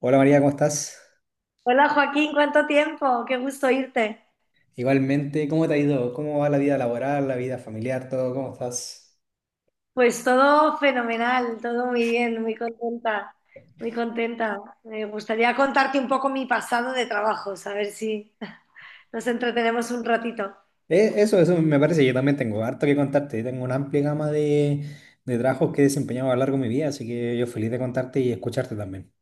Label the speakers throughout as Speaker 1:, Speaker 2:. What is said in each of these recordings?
Speaker 1: Hola María, ¿cómo estás?
Speaker 2: Hola Joaquín, ¿cuánto tiempo? Qué gusto oírte.
Speaker 1: Igualmente, ¿cómo te ha ido? ¿Cómo va la vida laboral, la vida familiar, todo? ¿Cómo estás?
Speaker 2: Pues todo fenomenal, todo muy bien, muy contenta, muy contenta. Me gustaría contarte un poco mi pasado de trabajos, a ver si nos entretenemos un ratito.
Speaker 1: Eso me parece, yo también tengo harto que contarte. Tengo una amplia gama de trabajos que he desempeñado a lo largo de mi vida, así que yo feliz de contarte y escucharte también.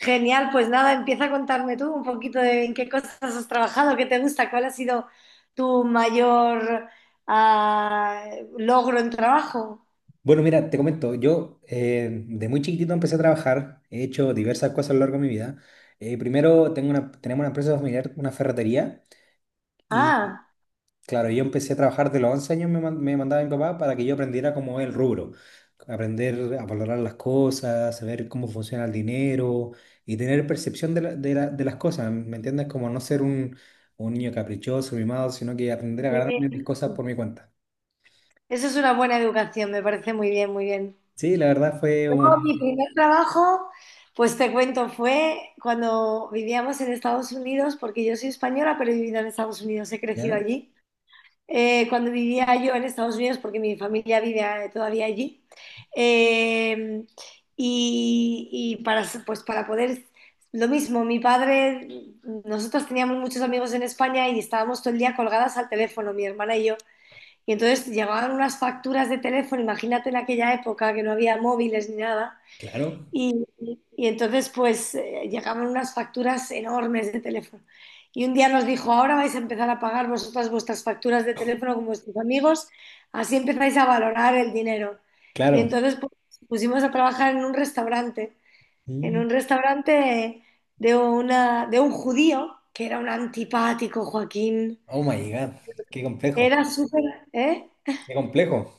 Speaker 2: Genial, pues nada, empieza a contarme tú un poquito de en qué cosas has trabajado, qué te gusta, cuál ha sido tu mayor ah, logro en trabajo.
Speaker 1: Bueno, mira, te comento, yo de muy chiquitito empecé a trabajar, he hecho diversas cosas a lo largo de mi vida. Primero tenemos una empresa familiar, una ferretería. y
Speaker 2: Ah,
Speaker 1: Claro, yo empecé a trabajar de los 11 años, me mandaba mi papá para que yo aprendiera cómo es el rubro, aprender a valorar las cosas, saber cómo funciona el dinero y tener percepción de las cosas, ¿me entiendes? Como no ser un niño caprichoso, mimado, sino que aprender a ganarme mis
Speaker 2: muy
Speaker 1: cosas por mi cuenta.
Speaker 2: Eso es una buena educación, me parece muy bien, muy bien.
Speaker 1: Sí, la verdad fue un...
Speaker 2: No, mi primer trabajo, pues te cuento, fue cuando vivíamos en Estados Unidos, porque yo soy española, pero he vivido en Estados Unidos, he crecido
Speaker 1: ¿Ya?
Speaker 2: allí. Cuando vivía yo en Estados Unidos, porque mi familia vive todavía allí, eh, y, y para, pues para poder, lo mismo, mi padre, nosotros teníamos muchos amigos en España y estábamos todo el día colgadas al teléfono, mi hermana y yo. Y entonces llegaban unas facturas de teléfono, imagínate en aquella época que no había móviles ni nada
Speaker 1: Claro,
Speaker 2: y, y entonces, pues, llegaban unas facturas enormes de teléfono. Y un día nos dijo, ahora vais a empezar a pagar vosotras vuestras facturas de teléfono con vuestros amigos, así empezáis a valorar el dinero. Y
Speaker 1: claro.
Speaker 2: entonces pues, pusimos a trabajar en
Speaker 1: Mm.
Speaker 2: un restaurante de, una, de un judío, que era un antipático, Joaquín.
Speaker 1: Oh my God, qué complejo,
Speaker 2: Era súper, ¿eh?
Speaker 1: qué complejo.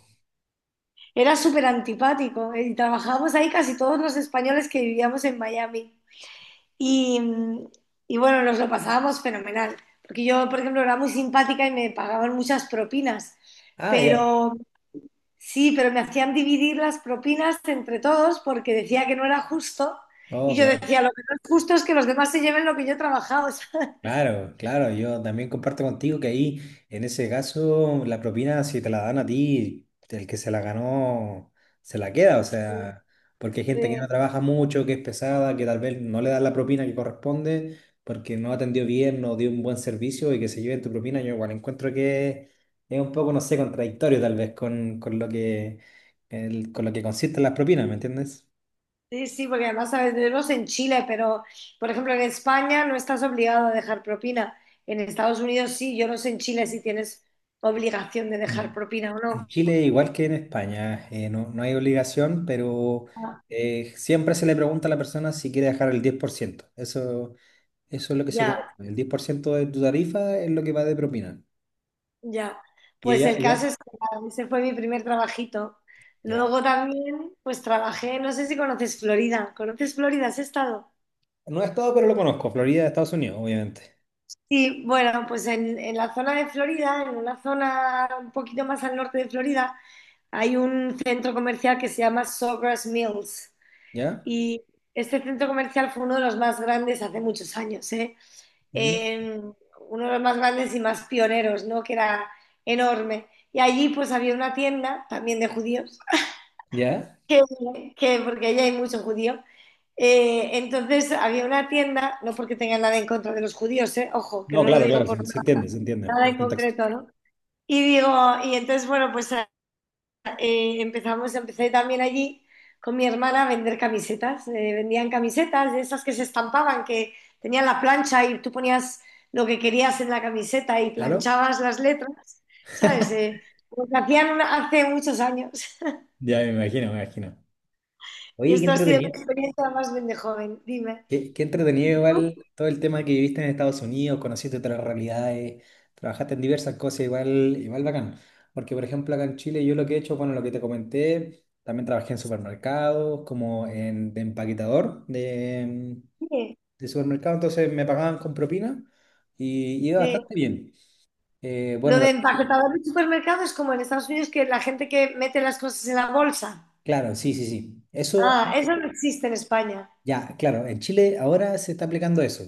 Speaker 2: Era súper antipático. Y trabajábamos ahí casi todos los españoles que vivíamos en Miami. Y, y bueno, nos lo pasábamos fenomenal, porque yo, por ejemplo, era muy simpática y me pagaban muchas propinas,
Speaker 1: Ah, ya.
Speaker 2: pero sí, pero me hacían dividir las propinas entre todos porque decía que no era justo y
Speaker 1: Oh,
Speaker 2: yo
Speaker 1: claro.
Speaker 2: decía, lo que no es justo es que los demás se lleven lo que yo he trabajado. ¿Sabes?
Speaker 1: Claro, claro, yo también comparto contigo que ahí, en ese caso, la propina, si te la dan a ti, el que se la ganó, se la queda, o sea, porque hay gente que no
Speaker 2: Sí,
Speaker 1: trabaja mucho, que es pesada, que tal vez no le dan la propina que corresponde, porque no atendió bien, no dio un buen servicio y que se lleven tu propina, yo igual encuentro que es un poco, no sé, contradictorio tal vez con lo que consisten las propinas, ¿me entiendes?
Speaker 2: sí, sí, porque además sabes, tenemos en Chile, pero por ejemplo en España no estás obligado a dejar propina. En Estados Unidos sí, yo no sé en Chile si tienes obligación de dejar
Speaker 1: En
Speaker 2: propina o
Speaker 1: en
Speaker 2: no.
Speaker 1: Chile, igual que en España, no, no hay obligación, pero siempre se le pregunta a la persona si quiere dejar el 10%. Eso, eso es lo que se cobra.
Speaker 2: Ya.
Speaker 1: El 10% de tu tarifa es lo que va de propina.
Speaker 2: Ya,
Speaker 1: ¿Y
Speaker 2: pues
Speaker 1: ella?
Speaker 2: el
Speaker 1: ¿Ella?
Speaker 2: caso es que nada, ese fue mi primer trabajito.
Speaker 1: Ya.
Speaker 2: Luego también, pues trabajé, no sé si conoces Florida. ¿Conoces Florida? ¿Has estado?
Speaker 1: No he estado, pero lo conozco. Florida, Estados Unidos, obviamente.
Speaker 2: Sí, bueno, pues en la zona de Florida, en una zona un poquito más al norte de Florida, hay un centro comercial que se llama Sawgrass Mills.
Speaker 1: ¿Ya?
Speaker 2: Y este centro comercial fue uno de los más grandes hace muchos años, ¿eh?
Speaker 1: ¿Mm?
Speaker 2: Eh, Uno de los más grandes y más pioneros, ¿no? Que era enorme. Y allí pues había una tienda también de judíos
Speaker 1: ¿Ya?
Speaker 2: que, que- porque allí hay mucho judío. Entonces había una tienda, no porque tenga nada en contra de los judíos, ojo, que
Speaker 1: No,
Speaker 2: no lo
Speaker 1: claro,
Speaker 2: digo
Speaker 1: claro,
Speaker 2: por
Speaker 1: se,
Speaker 2: nada,
Speaker 1: se entiende
Speaker 2: nada
Speaker 1: el
Speaker 2: en
Speaker 1: contexto.
Speaker 2: concreto, ¿no? Y digo, y entonces, bueno, pues empecé también allí con mi hermana a vender camisetas. Vendían camisetas de esas que se estampaban, que tenían la plancha y tú ponías lo que querías en la camiseta y
Speaker 1: ¿Claro?
Speaker 2: planchabas las letras, ¿sabes? Lo que hacían una- hace muchos años.
Speaker 1: Ya me imagino, me imagino.
Speaker 2: Y
Speaker 1: Oye, qué
Speaker 2: esto ha sido mi
Speaker 1: entretenido.
Speaker 2: experiencia más bien de joven, dime.
Speaker 1: Qué, qué entretenido igual
Speaker 2: ¿No?
Speaker 1: todo el tema que viviste en Estados Unidos, conociste otras realidades, trabajaste en diversas cosas, igual, igual bacán. Porque por ejemplo acá en Chile yo lo que he hecho, bueno, lo que te comenté, también trabajé en supermercados, de empaquetador
Speaker 2: Sí,
Speaker 1: de supermercado, entonces me pagaban con propina y iba
Speaker 2: sí.
Speaker 1: bastante bien. Eh,
Speaker 2: Lo
Speaker 1: bueno,
Speaker 2: de
Speaker 1: de-
Speaker 2: empaquetador de supermercado es como en Estados Unidos que la gente que mete las cosas en la bolsa.
Speaker 1: claro, sí, sí, sí. Eso,
Speaker 2: Ah, eso no existe en España.
Speaker 1: ya, claro, en Chile ahora se está aplicando eso,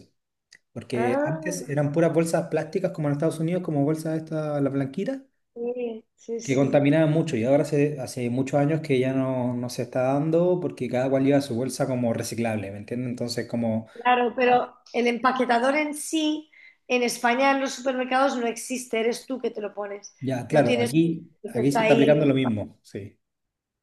Speaker 1: porque antes
Speaker 2: Ah,
Speaker 1: eran puras bolsas plásticas como en Estados Unidos, como bolsas esta, la blanquita,
Speaker 2: sí, sí,
Speaker 1: que
Speaker 2: sí.
Speaker 1: contaminaba mucho y ahora hace, hace muchos años que ya no, no se está dando porque cada cual lleva su bolsa como reciclable, ¿me entiendes?
Speaker 2: Claro,
Speaker 1: Ah,
Speaker 2: pero el empaquetador en sí, en España en los supermercados no existe, eres tú que te lo pones.
Speaker 1: ya,
Speaker 2: No
Speaker 1: claro,
Speaker 2: tienes un
Speaker 1: aquí,
Speaker 2: que
Speaker 1: aquí se
Speaker 2: está
Speaker 1: está aplicando
Speaker 2: ahí.
Speaker 1: lo mismo, sí.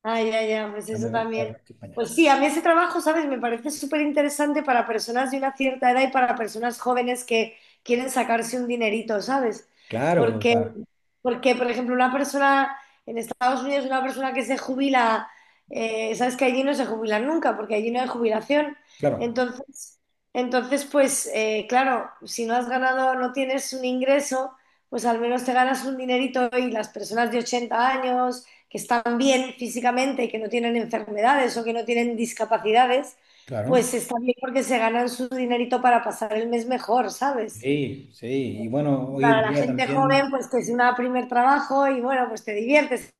Speaker 2: Ay, ya, ya, pues
Speaker 1: Está muy,
Speaker 2: eso
Speaker 1: está muy
Speaker 2: también.
Speaker 1: España.
Speaker 2: Pues sí, a mí ese trabajo, ¿sabes? Me parece súper interesante para personas de una cierta edad y para personas jóvenes que quieren sacarse un dinerito, ¿sabes?
Speaker 1: Claro,
Speaker 2: Porque,
Speaker 1: pa-
Speaker 2: porque, por ejemplo, una persona en Estados Unidos, una persona que se jubila, ¿sabes? Que allí no se jubilan nunca, porque allí no hay jubilación.
Speaker 1: claro,
Speaker 2: Entonces, entonces pues, claro, si no has ganado, no tienes un ingreso, pues al menos te ganas un dinerito y las personas de 80 años que están bien físicamente, que no tienen enfermedades o que no tienen discapacidades,
Speaker 1: claro.
Speaker 2: pues está bien porque se ganan su dinerito para pasar el mes mejor, ¿sabes?
Speaker 1: Sí, sí, y bueno, hoy en
Speaker 2: Para la
Speaker 1: día
Speaker 2: gente joven,
Speaker 1: también,
Speaker 2: pues que es un primer trabajo y bueno, pues te diviertes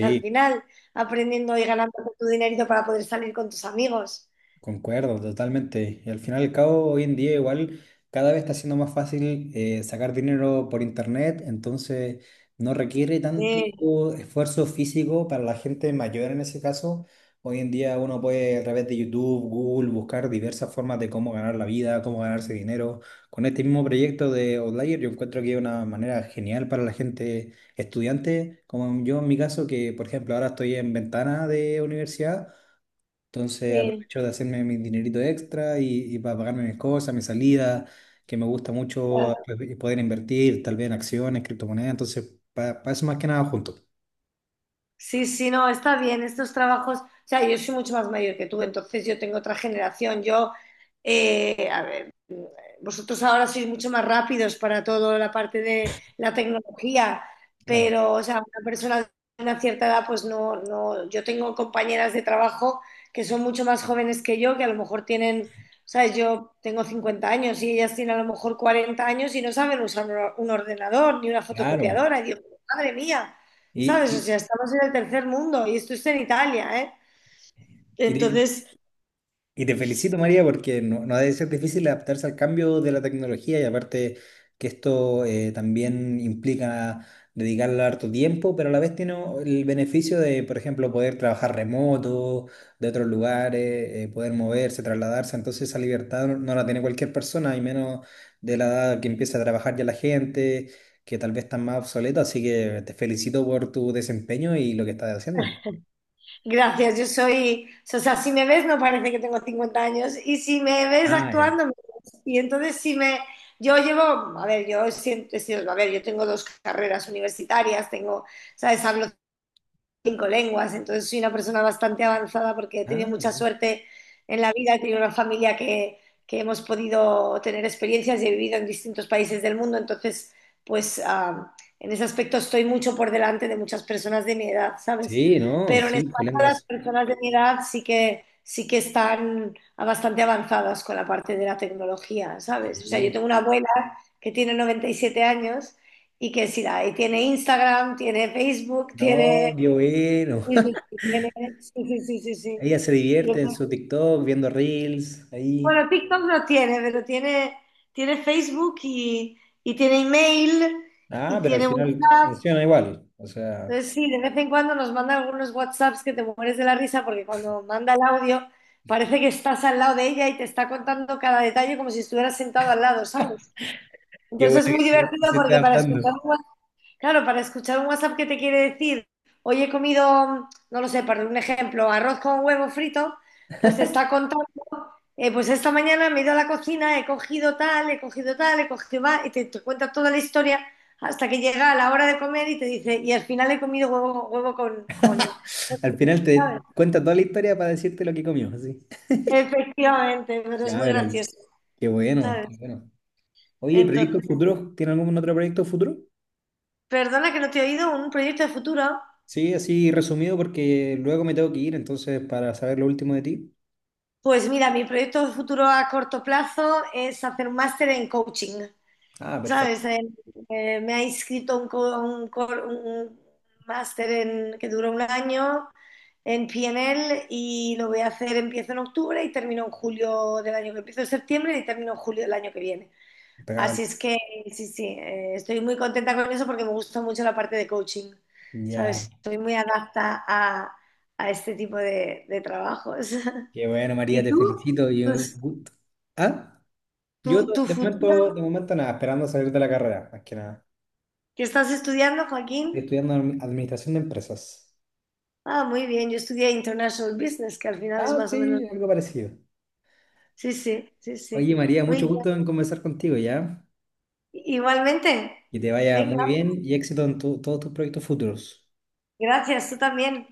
Speaker 2: al final aprendiendo y ganando tu dinerito para poder salir con tus amigos.
Speaker 1: Concuerdo, totalmente. Y al final y al cabo, hoy en día igual cada vez está siendo más fácil sacar dinero por internet, entonces no requiere tanto
Speaker 2: Sí,
Speaker 1: esfuerzo físico para la gente mayor en ese caso. Hoy en día uno puede a través de YouTube, Google, buscar diversas formas de cómo ganar la vida, cómo ganarse dinero. Con este mismo proyecto de Outlier yo encuentro que es una manera genial para la gente estudiante, como yo en mi caso, que por ejemplo ahora estoy en ventana de universidad. Entonces
Speaker 2: sí,
Speaker 1: aprovecho de hacerme mi dinerito extra y para pagarme mis cosas, mi salida, que me gusta
Speaker 2: la
Speaker 1: mucho pues, y poder invertir tal vez en acciones, criptomonedas. Entonces, para eso más que nada junto.
Speaker 2: Sí, sí, no, está bien, estos trabajos, o sea, yo soy mucho más mayor que tú, entonces yo tengo otra generación, yo, a ver, vosotros ahora sois mucho más rápidos para toda la parte de la tecnología,
Speaker 1: Claro.
Speaker 2: pero, o sea, una persona de una cierta edad, pues no, no, yo tengo compañeras de trabajo que son mucho más jóvenes que yo, que a lo mejor tienen, sabes, yo tengo 50 años y ellas tienen a lo mejor 40 años y no saben usar un or- un ordenador ni una
Speaker 1: Claro.
Speaker 2: fotocopiadora, y digo, madre mía.
Speaker 1: Y,
Speaker 2: ¿Sabes? O
Speaker 1: y,
Speaker 2: sea, estamos en el tercer mundo y esto es en Italia, ¿eh?
Speaker 1: y
Speaker 2: Entonces,
Speaker 1: Y te felicito, María, porque no, no ha de ser difícil adaptarse al cambio de la tecnología y aparte que esto también implica dedicarle harto tiempo, pero a la vez tiene el beneficio de, por ejemplo, poder trabajar remoto, de otros lugares, poder moverse, trasladarse. Entonces esa libertad no, no la tiene cualquier persona, y menos de la edad que empieza a trabajar ya la gente, que tal vez está más obsoleta. Así que te felicito por tu desempeño y lo que estás haciendo.
Speaker 2: gracias, yo soy, o sea, si me ves no parece que tengo 50 años y si me ves
Speaker 1: Ah, ya.
Speaker 2: actuando, me ves. Y entonces si me, yo llevo, a ver, yo siempre he sido, a ver, yo tengo dos carreras universitarias, tengo, ¿sabes? Hablo 5 lenguas, entonces soy una persona bastante avanzada porque he tenido
Speaker 1: Ah,
Speaker 2: mucha
Speaker 1: ok.
Speaker 2: suerte en la vida, he tenido una familia que hemos podido tener experiencias y he vivido en distintos países del mundo, entonces pues en ese aspecto estoy mucho por delante de muchas personas de mi edad, ¿sabes?
Speaker 1: Sí, no,
Speaker 2: Pero en
Speaker 1: cinco
Speaker 2: España las
Speaker 1: lenguas.
Speaker 2: personas de mi edad sí que están bastante avanzadas con la parte de la tecnología, ¿sabes? O sea, yo
Speaker 1: Sí.
Speaker 2: tengo una abuela que tiene 97 años y que sí, la- y tiene Instagram, tiene Facebook,
Speaker 1: No,
Speaker 2: tiene
Speaker 1: qué bueno.
Speaker 2: Sí, sí, sí, tiene, sí, sí, sí, sí, sí.
Speaker 1: Ella se
Speaker 2: Tiene-
Speaker 1: divierte en su TikTok viendo reels ahí.
Speaker 2: bueno, TikTok no tiene, pero tiene, tiene Facebook y tiene email
Speaker 1: Ah,
Speaker 2: y
Speaker 1: pero al
Speaker 2: tiene
Speaker 1: final
Speaker 2: WhatsApp.
Speaker 1: funciona igual. O sea,
Speaker 2: Entonces, sí, de vez en cuando nos manda algunos WhatsApps que te mueres de la risa porque cuando manda el audio parece que estás al lado de ella y te está contando cada detalle como si estuvieras sentado al lado, ¿sabes?
Speaker 1: qué bueno
Speaker 2: Entonces es muy
Speaker 1: que
Speaker 2: divertido
Speaker 1: se esté
Speaker 2: porque para
Speaker 1: adaptando.
Speaker 2: escuchar un Claro, para escuchar un WhatsApp que te quiere decir, hoy he comido, no lo sé, para un ejemplo, arroz con huevo frito, pues te está contando, pues esta mañana me he ido a la cocina, he cogido tal, he cogido tal, he cogido va, te cuenta toda la historia hasta que llega la hora de comer y te dice, y al final he comido huevo, huevo con-
Speaker 1: Al final te
Speaker 2: ¿Sabes?
Speaker 1: cuenta toda la historia para decirte lo que comió, así.
Speaker 2: Efectivamente, pero es
Speaker 1: Ya,
Speaker 2: muy
Speaker 1: pero
Speaker 2: gracioso,
Speaker 1: qué bueno,
Speaker 2: ¿sabes?
Speaker 1: qué bueno. Oye, ¿proyectos
Speaker 2: Entonces,
Speaker 1: futuros? ¿Tiene algún otro proyecto futuro?
Speaker 2: perdona que no te he oído, un proyecto de futuro.
Speaker 1: Sí, así resumido porque luego me tengo que ir, entonces para saber lo último de ti.
Speaker 2: Pues mira, mi proyecto futuro a corto plazo es hacer un máster en coaching,
Speaker 1: Ah, perfecto.
Speaker 2: ¿sabes? Me ha inscrito un, co- un cor- un máster en- que dura 1 año en PNL y lo voy a hacer, empiezo en octubre y termino en julio del año que empiezo en septiembre y termino en julio del año que viene.
Speaker 1: Impecable.
Speaker 2: Así es que sí, sí, estoy muy contenta con eso porque me gusta mucho la parte de coaching,
Speaker 1: Ya.
Speaker 2: ¿sabes? Estoy muy adapta a este tipo de trabajos.
Speaker 1: Qué bueno, María,
Speaker 2: ¿Y
Speaker 1: te
Speaker 2: tú?
Speaker 1: felicito y un
Speaker 2: Tus-
Speaker 1: gusto. ¿Ah?
Speaker 2: ¿Tu, tu
Speaker 1: De momento,
Speaker 2: futuro?
Speaker 1: de momento nada, esperando salir de la carrera, más que nada.
Speaker 2: ¿Qué estás estudiando, Joaquín?
Speaker 1: Administración de empresas.
Speaker 2: Ah, muy bien, yo estudié International Business, que al final es
Speaker 1: Ah,
Speaker 2: más o menos...
Speaker 1: sí, algo parecido.
Speaker 2: Sí, sí, sí, sí.
Speaker 1: Oye, María,
Speaker 2: Muy
Speaker 1: mucho
Speaker 2: bien.
Speaker 1: gusto en conversar contigo, ¿ya?
Speaker 2: Igualmente.
Speaker 1: Que te vaya muy
Speaker 2: Venga, pues,
Speaker 1: bien y éxito en todos tus proyectos futuros.
Speaker 2: gracias, tú también.